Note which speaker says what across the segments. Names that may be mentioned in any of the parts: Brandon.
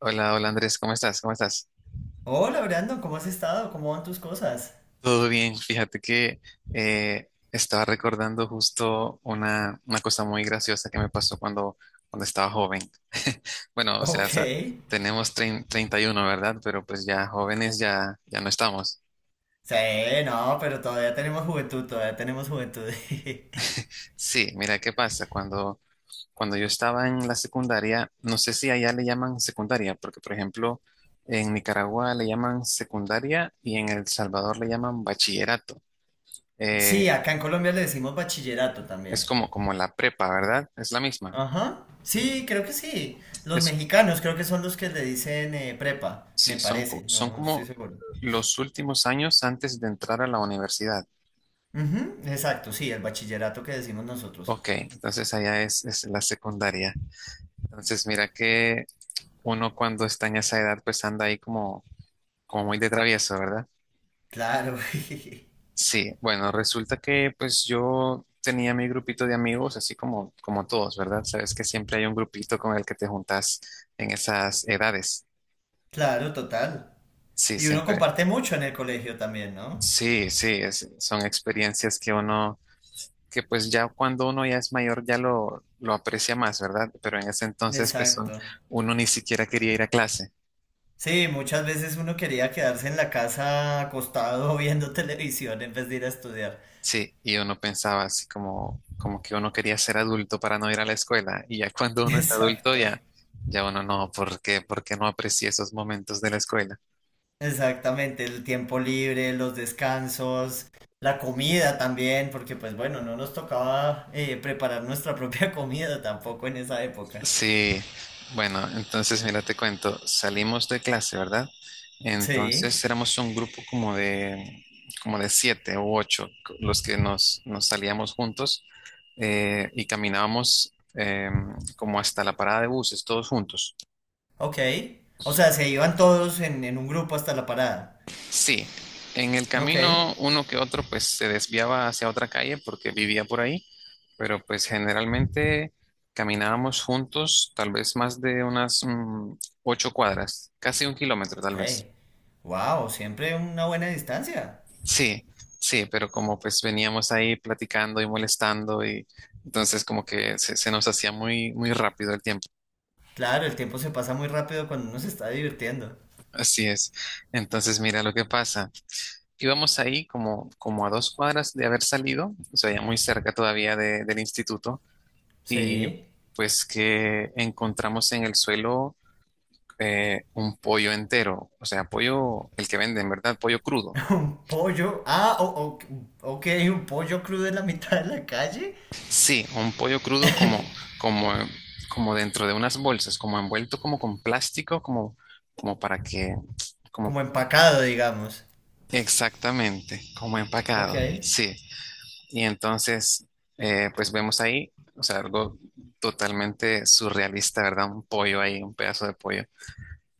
Speaker 1: Hola, hola Andrés, ¿cómo estás? ¿Cómo estás?
Speaker 2: Hola Brandon, ¿cómo has estado? ¿Cómo van tus cosas?
Speaker 1: Todo bien, fíjate que estaba recordando justo una cosa muy graciosa que me pasó cuando estaba joven. Bueno, o sea,
Speaker 2: Ok.
Speaker 1: tenemos 31, ¿verdad? Pero pues ya jóvenes ya no estamos.
Speaker 2: Sí, no, pero todavía tenemos juventud, todavía tenemos juventud.
Speaker 1: Sí, mira qué pasa. Cuando yo estaba en la secundaria, no sé si allá le llaman secundaria, porque por ejemplo, en Nicaragua le llaman secundaria y en El Salvador le llaman bachillerato. Eh,
Speaker 2: Sí, acá en Colombia le decimos bachillerato
Speaker 1: Es
Speaker 2: también.
Speaker 1: como la prepa, ¿verdad? Es la misma.
Speaker 2: Ajá. Sí, creo que sí. Los
Speaker 1: Es,
Speaker 2: mexicanos creo que son los que le dicen prepa, me
Speaker 1: sí, son, co-
Speaker 2: parece.
Speaker 1: son
Speaker 2: No estoy
Speaker 1: como
Speaker 2: seguro.
Speaker 1: los últimos años antes de entrar a la universidad.
Speaker 2: Ujú, exacto, sí, el bachillerato que decimos nosotros.
Speaker 1: Ok, entonces allá es la secundaria. Entonces mira que uno cuando está en esa edad pues anda ahí como muy de travieso, ¿verdad?
Speaker 2: Claro,
Speaker 1: Sí, bueno, resulta que pues yo tenía mi grupito de amigos, así como todos, ¿verdad? Sabes que siempre hay un grupito con el que te juntas en esas edades.
Speaker 2: claro, total.
Speaker 1: Sí,
Speaker 2: Y uno
Speaker 1: siempre,
Speaker 2: comparte mucho en el colegio también, ¿no?
Speaker 1: sí, sí, son experiencias que uno, que pues ya cuando uno ya es mayor ya lo aprecia más, ¿verdad? Pero en ese entonces pues
Speaker 2: Exacto.
Speaker 1: uno ni siquiera quería ir a clase,
Speaker 2: Sí, muchas veces uno quería quedarse en la casa acostado viendo televisión en vez de ir a estudiar.
Speaker 1: sí, y uno pensaba así como que uno quería ser adulto para no ir a la escuela, y ya cuando uno es adulto
Speaker 2: Exacto,
Speaker 1: ya uno no, ¿por qué? ¿Por qué no aprecia esos momentos de la escuela?
Speaker 2: exactamente, el tiempo libre, los descansos, la comida también, porque pues bueno, no nos tocaba preparar nuestra propia comida tampoco en esa época.
Speaker 1: Sí, bueno, entonces mira, te cuento, salimos de clase, ¿verdad?
Speaker 2: Sí,
Speaker 1: Entonces éramos un grupo como de siete u ocho, los que nos salíamos juntos y caminábamos eh, como hasta la parada de buses, todos juntos.
Speaker 2: ok. O sea, se iban todos en un grupo hasta la parada.
Speaker 1: Sí, en el
Speaker 2: Ok,
Speaker 1: camino uno que otro pues se desviaba hacia otra calle porque vivía por ahí, pero pues generalmente caminábamos juntos, tal vez más de unas 8 cuadras, casi un kilómetro tal
Speaker 2: ok.
Speaker 1: vez.
Speaker 2: Wow, siempre una buena distancia.
Speaker 1: Sí, sí, pero como pues veníamos ahí platicando y molestando, y entonces como que se nos hacía muy, muy rápido el tiempo.
Speaker 2: Claro, el tiempo se pasa muy rápido cuando uno se está divirtiendo.
Speaker 1: Así es. Entonces mira lo que pasa. Íbamos ahí como a 2 cuadras de haber salido, o sea, ya muy cerca todavía del instituto,
Speaker 2: Sí.
Speaker 1: y pues que encontramos en el suelo un pollo entero, o sea, pollo, el que venden, ¿verdad? Pollo crudo.
Speaker 2: Un pollo. Ah, o- ok, un pollo crudo en la mitad de la calle.
Speaker 1: Sí, un pollo crudo como, como dentro de unas bolsas, como envuelto como con plástico, como, como para que, como
Speaker 2: Como empacado, digamos.
Speaker 1: exactamente, como empacado,
Speaker 2: Ok.
Speaker 1: sí. Y entonces, pues vemos ahí, o sea, algo totalmente surrealista, ¿verdad? Un pollo ahí, un pedazo de pollo.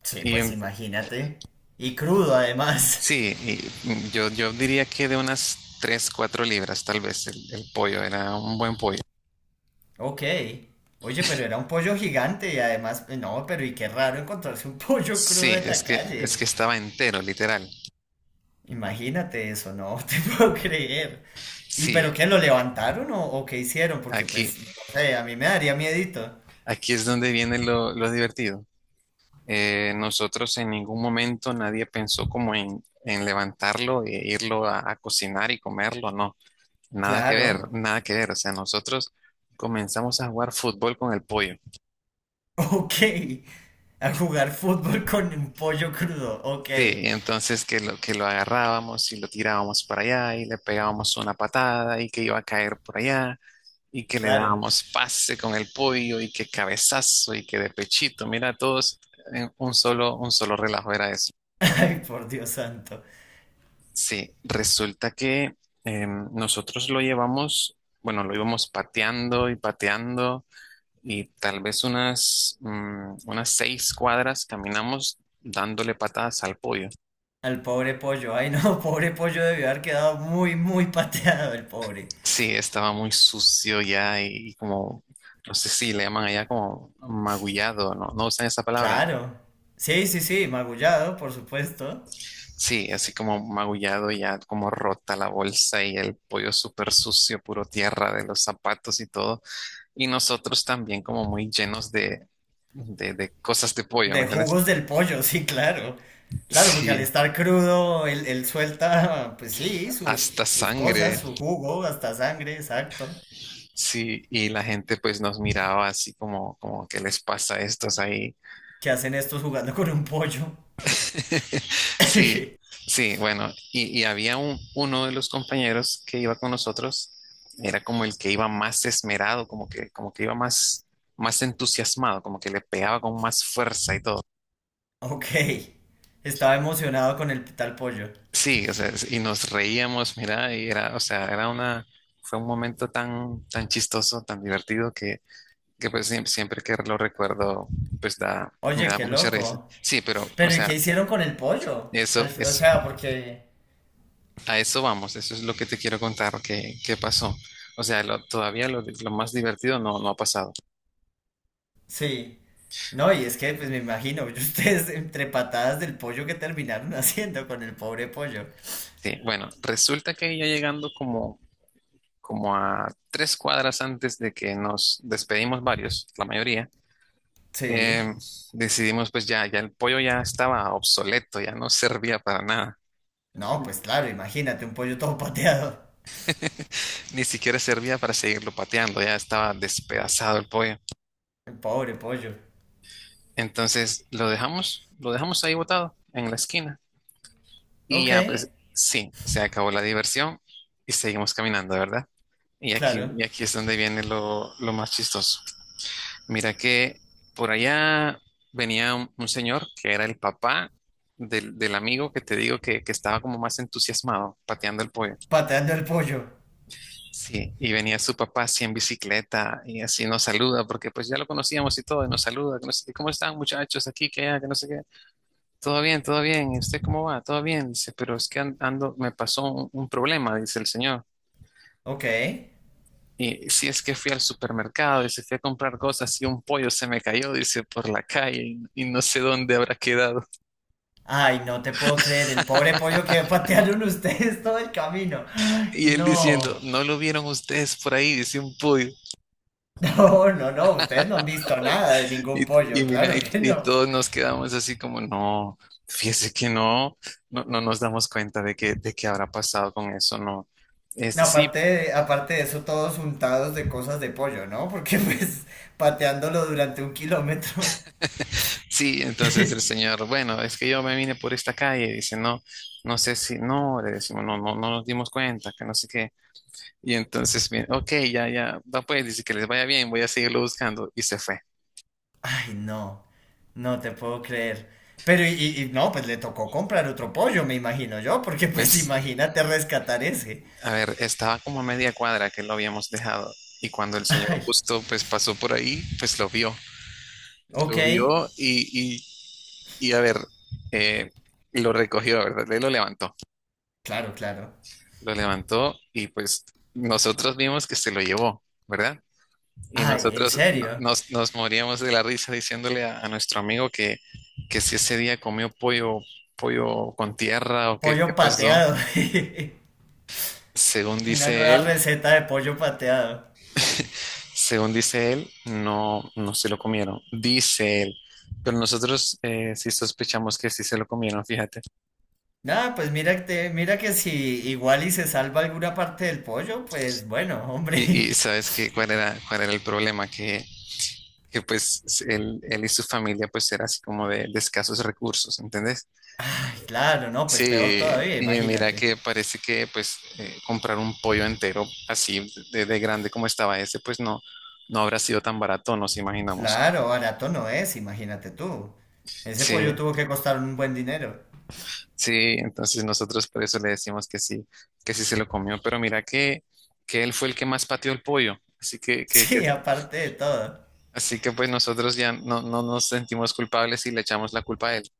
Speaker 2: Sí,
Speaker 1: Y
Speaker 2: pues
Speaker 1: un-
Speaker 2: imagínate. Y crudo además.
Speaker 1: sí, y yo diría que de unas 3 4 libras, tal vez, el pollo, era un buen pollo.
Speaker 2: Ok. Oye, pero era un pollo gigante y además, no, pero y qué raro encontrarse un pollo crudo
Speaker 1: Sí,
Speaker 2: en
Speaker 1: es
Speaker 2: la
Speaker 1: que, es
Speaker 2: calle.
Speaker 1: que estaba entero, literal.
Speaker 2: Imagínate eso, no te puedo creer. ¿Y
Speaker 1: Sí,
Speaker 2: pero qué, lo levantaron o qué hicieron? Porque
Speaker 1: aquí,
Speaker 2: pues, no sé, a mí me daría miedito.
Speaker 1: aquí es donde viene lo divertido. Nosotros en ningún momento nadie pensó como en, levantarlo e irlo a cocinar y comerlo, no. Nada que
Speaker 2: Claro.
Speaker 1: ver, nada que ver. O sea, nosotros comenzamos a jugar fútbol con el pollo.
Speaker 2: Ok. A jugar fútbol con un pollo crudo. Ok,
Speaker 1: Sí, entonces que lo agarrábamos y lo tirábamos para allá y le pegábamos una patada y que iba a caer por allá, y que le
Speaker 2: claro.
Speaker 1: dábamos pase con el pollo y que cabezazo y que de pechito. Mira, todos en un solo relajo era eso.
Speaker 2: Ay, por Dios santo.
Speaker 1: Sí, resulta que nosotros lo llevamos, bueno, lo íbamos pateando y pateando, y tal vez unas 6 cuadras caminamos dándole patadas al pollo.
Speaker 2: Al pobre pollo. Ay, no, pobre pollo debió haber quedado muy, muy pateado el pobre.
Speaker 1: Sí, estaba muy sucio ya y como, no sé si le llaman allá como magullado, ¿no? ¿No usan esa palabra?
Speaker 2: Claro. Sí, sí, sí, magullado, por supuesto.
Speaker 1: Sí, así como magullado ya, como rota la bolsa y el pollo súper sucio, puro tierra de los zapatos y todo. Y nosotros también como muy llenos de, cosas de pollo, ¿me
Speaker 2: De
Speaker 1: entiendes?
Speaker 2: jugos del pollo, sí, claro. Claro, porque al
Speaker 1: Sí,
Speaker 2: estar crudo, él suelta, pues sí, sus,
Speaker 1: hasta
Speaker 2: sus cosas,
Speaker 1: sangre.
Speaker 2: su jugo, hasta sangre, exacto.
Speaker 1: Sí, y la gente pues nos miraba así ¿qué les pasa a estos ahí?
Speaker 2: ¿Qué hacen estos jugando con un pollo?
Speaker 1: Sí, sí, bueno, y había uno de los compañeros que iba con nosotros, era como el que iba más esmerado, como que iba más entusiasmado, como que le pegaba con más fuerza y todo.
Speaker 2: Ok, estaba emocionado con el tal pollo.
Speaker 1: Sí, o sea, y nos reíamos, mira, y era, o sea, era una, fue un momento tan, tan chistoso, tan divertido que pues siempre, siempre que lo recuerdo, me
Speaker 2: Oye,
Speaker 1: da
Speaker 2: qué
Speaker 1: mucha risa.
Speaker 2: loco.
Speaker 1: Sí, pero, o
Speaker 2: Pero ¿y qué
Speaker 1: sea,
Speaker 2: hicieron con el pollo?
Speaker 1: eso
Speaker 2: Al fi- o
Speaker 1: es
Speaker 2: sea, porque
Speaker 1: a eso vamos, eso es lo que te quiero contar que pasó. O sea, todavía lo más divertido no, no ha pasado.
Speaker 2: sí. No, y es que pues me imagino, ustedes entre patadas del pollo que terminaron haciendo con el pobre pollo.
Speaker 1: Sí, bueno, resulta que ya llegando como a 3 cuadras antes de que nos despedimos varios, la mayoría,
Speaker 2: Sí.
Speaker 1: eh, decidimos pues ya el pollo ya estaba obsoleto, ya no servía para nada,
Speaker 2: No, pues claro, imagínate un pollo todo pateado.
Speaker 1: ni siquiera servía para seguirlo pateando, ya estaba despedazado el pollo.
Speaker 2: El pobre pollo.
Speaker 1: Entonces lo dejamos ahí botado en la esquina. Y
Speaker 2: Ok,
Speaker 1: ya, pues sí, se acabó la diversión y seguimos caminando, ¿verdad? Y aquí,
Speaker 2: claro.
Speaker 1: y aquí es donde viene lo más chistoso. Mira que por allá venía un señor que era el papá del amigo que te digo que estaba como más entusiasmado pateando el pollo.
Speaker 2: Pateando el pollo.
Speaker 1: Sí, y venía su papá así en bicicleta, y así nos saluda porque pues ya lo conocíamos y todo, y nos saluda, que no sé qué, ¿cómo están muchachos, aquí, que allá, que no sé qué? Todo bien, todo bien. ¿Y usted cómo va? Todo bien, dice, pero es que ando, me pasó un problema, dice el señor.
Speaker 2: Ok.
Speaker 1: Y si es que fui al supermercado, dice, fui a comprar cosas y un pollo se me cayó, dice, por la calle y no sé dónde habrá quedado.
Speaker 2: Ay, no te puedo creer, el pobre pollo que patearon ustedes todo el camino. Ay,
Speaker 1: Y él diciendo,
Speaker 2: no.
Speaker 1: ¿no lo vieron ustedes por ahí? Dice un pollo.
Speaker 2: No, no, no, ustedes no han visto nada de ningún
Speaker 1: Y, y
Speaker 2: pollo,
Speaker 1: mira,
Speaker 2: claro
Speaker 1: y,
Speaker 2: que
Speaker 1: y
Speaker 2: no.
Speaker 1: todos nos quedamos así como, no, fíjese que no, no nos damos cuenta de que habrá pasado con eso, no. Este,
Speaker 2: No, aparte
Speaker 1: sí,
Speaker 2: de, aparte de eso, todos untados de cosas de pollo, ¿no? Porque pues pateándolo durante 1 kilómetro.
Speaker 1: sí, entonces el señor, bueno, es que yo me vine por esta calle, dice, no, no sé si, no, le decimos, no, no nos dimos cuenta, que no sé qué. Y entonces, bien, ok, ya, ya, va pues, dice que les vaya bien, voy a seguirlo buscando. Y se fue.
Speaker 2: Ay, no, no te puedo creer. Pero y no, pues le tocó comprar otro pollo, me imagino yo, porque pues
Speaker 1: Pues,
Speaker 2: imagínate rescatar ese.
Speaker 1: a ver, estaba como a media cuadra que lo habíamos dejado. Y cuando el señor
Speaker 2: Ay,
Speaker 1: justo, pues, pasó por ahí, pues lo vio.
Speaker 2: ok,
Speaker 1: Lo vio y a ver, eh, lo recogió, ¿verdad? Él lo levantó.
Speaker 2: claro, claro.
Speaker 1: Lo levantó, y pues nosotros vimos que se lo llevó, ¿verdad? Y
Speaker 2: Ay, ¿en
Speaker 1: nosotros no-
Speaker 2: serio?
Speaker 1: nos, nos moríamos de la risa diciéndole a nuestro amigo que si ese día comió pollo, pollo con tierra o qué, qué
Speaker 2: Pollo
Speaker 1: pasó.
Speaker 2: pateado.
Speaker 1: Según
Speaker 2: Una
Speaker 1: dice
Speaker 2: nueva
Speaker 1: él,
Speaker 2: receta de pollo pateado.
Speaker 1: según dice él, no, no se lo comieron, dice él. Pero nosotros sí sospechamos que sí se lo comieron, fíjate.
Speaker 2: Nada, pues mira que si igual y se salva alguna parte del pollo, pues bueno,
Speaker 1: Y
Speaker 2: hombre.
Speaker 1: sabes que cuál era el problema, que pues él y su familia pues era así como de, escasos recursos, ¿entendés?
Speaker 2: Ay, claro, no, pues peor
Speaker 1: Sí,
Speaker 2: todavía,
Speaker 1: y mira
Speaker 2: imagínate.
Speaker 1: que parece que pues comprar un pollo entero así de grande como estaba ese, pues no, no habrá sido tan barato, nos imaginamos.
Speaker 2: Claro, barato no es, imagínate tú. Ese
Speaker 1: Sí,
Speaker 2: pollo tuvo que costar un buen dinero.
Speaker 1: sí, entonces nosotros por eso le decimos que sí se lo comió, pero mira que él fue el que más pateó el pollo, así que, que, que-
Speaker 2: Sí, aparte de todo.
Speaker 1: así que pues nosotros ya no, no nos sentimos culpables y le echamos la culpa a él.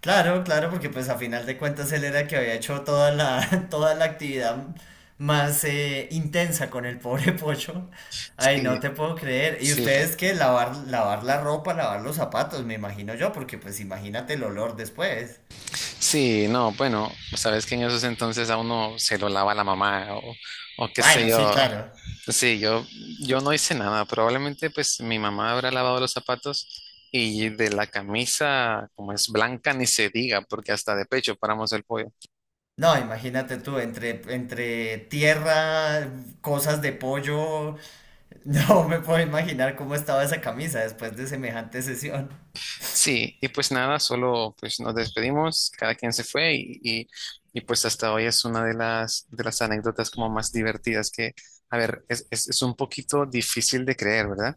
Speaker 2: Claro, claro, porque pues a final de cuentas él era el que había hecho toda la, toda la actividad más intensa con el pobre Pocho. Ay, no
Speaker 1: Sí,
Speaker 2: te puedo creer. ¿Y
Speaker 1: sí,
Speaker 2: ustedes qué? Lavar, lavar la ropa, lavar los zapatos, me imagino yo, porque pues imagínate el olor después.
Speaker 1: sí, no, bueno, sabes que en esos entonces a uno se lo lava la mamá, o qué sé
Speaker 2: Bueno, sí,
Speaker 1: yo.
Speaker 2: claro.
Speaker 1: Sí, yo no hice nada. Probablemente pues mi mamá habrá lavado los zapatos, y de la camisa, como es blanca, ni se diga, porque hasta de pecho paramos el pollo.
Speaker 2: No, imagínate tú, entre tierra, cosas de pollo, no me puedo imaginar cómo estaba esa camisa después de semejante sesión.
Speaker 1: Sí, y pues nada, solo pues nos despedimos, cada quien se fue pues hasta hoy es una de las anécdotas como más divertidas a ver, es un poquito difícil de creer, ¿verdad?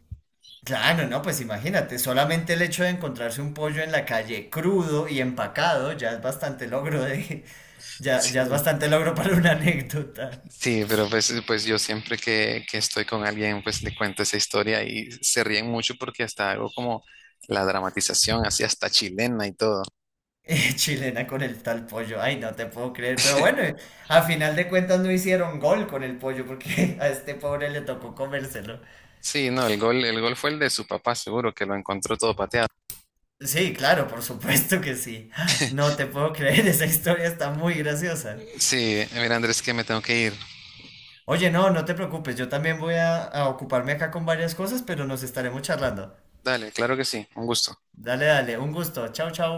Speaker 2: Claro, no, pues imagínate, solamente el hecho de encontrarse un pollo en la calle crudo y empacado ya es bastante logro de, ya, ya
Speaker 1: Sí.
Speaker 2: es bastante logro para una anécdota.
Speaker 1: Sí, pero pues yo siempre que estoy con alguien, pues le cuento esa historia y se ríen mucho porque hasta algo como la dramatización, así hasta chilena y todo.
Speaker 2: Chilena con el tal pollo, ay, no te puedo creer, pero bueno, a final de cuentas no hicieron gol con el pollo porque a este pobre le tocó comérselo.
Speaker 1: Sí, no, el gol fue el de su papá, seguro que lo encontró todo pateado.
Speaker 2: Sí, claro, por supuesto que sí. Ay, no te puedo creer, esa historia está muy graciosa.
Speaker 1: Sí, mira Andrés, que me tengo que ir.
Speaker 2: Oye, no, no te preocupes, yo también voy a ocuparme acá con varias cosas, pero nos estaremos charlando.
Speaker 1: Dale, claro que sí, un gusto.
Speaker 2: Dale, dale, un gusto. Chau, chau.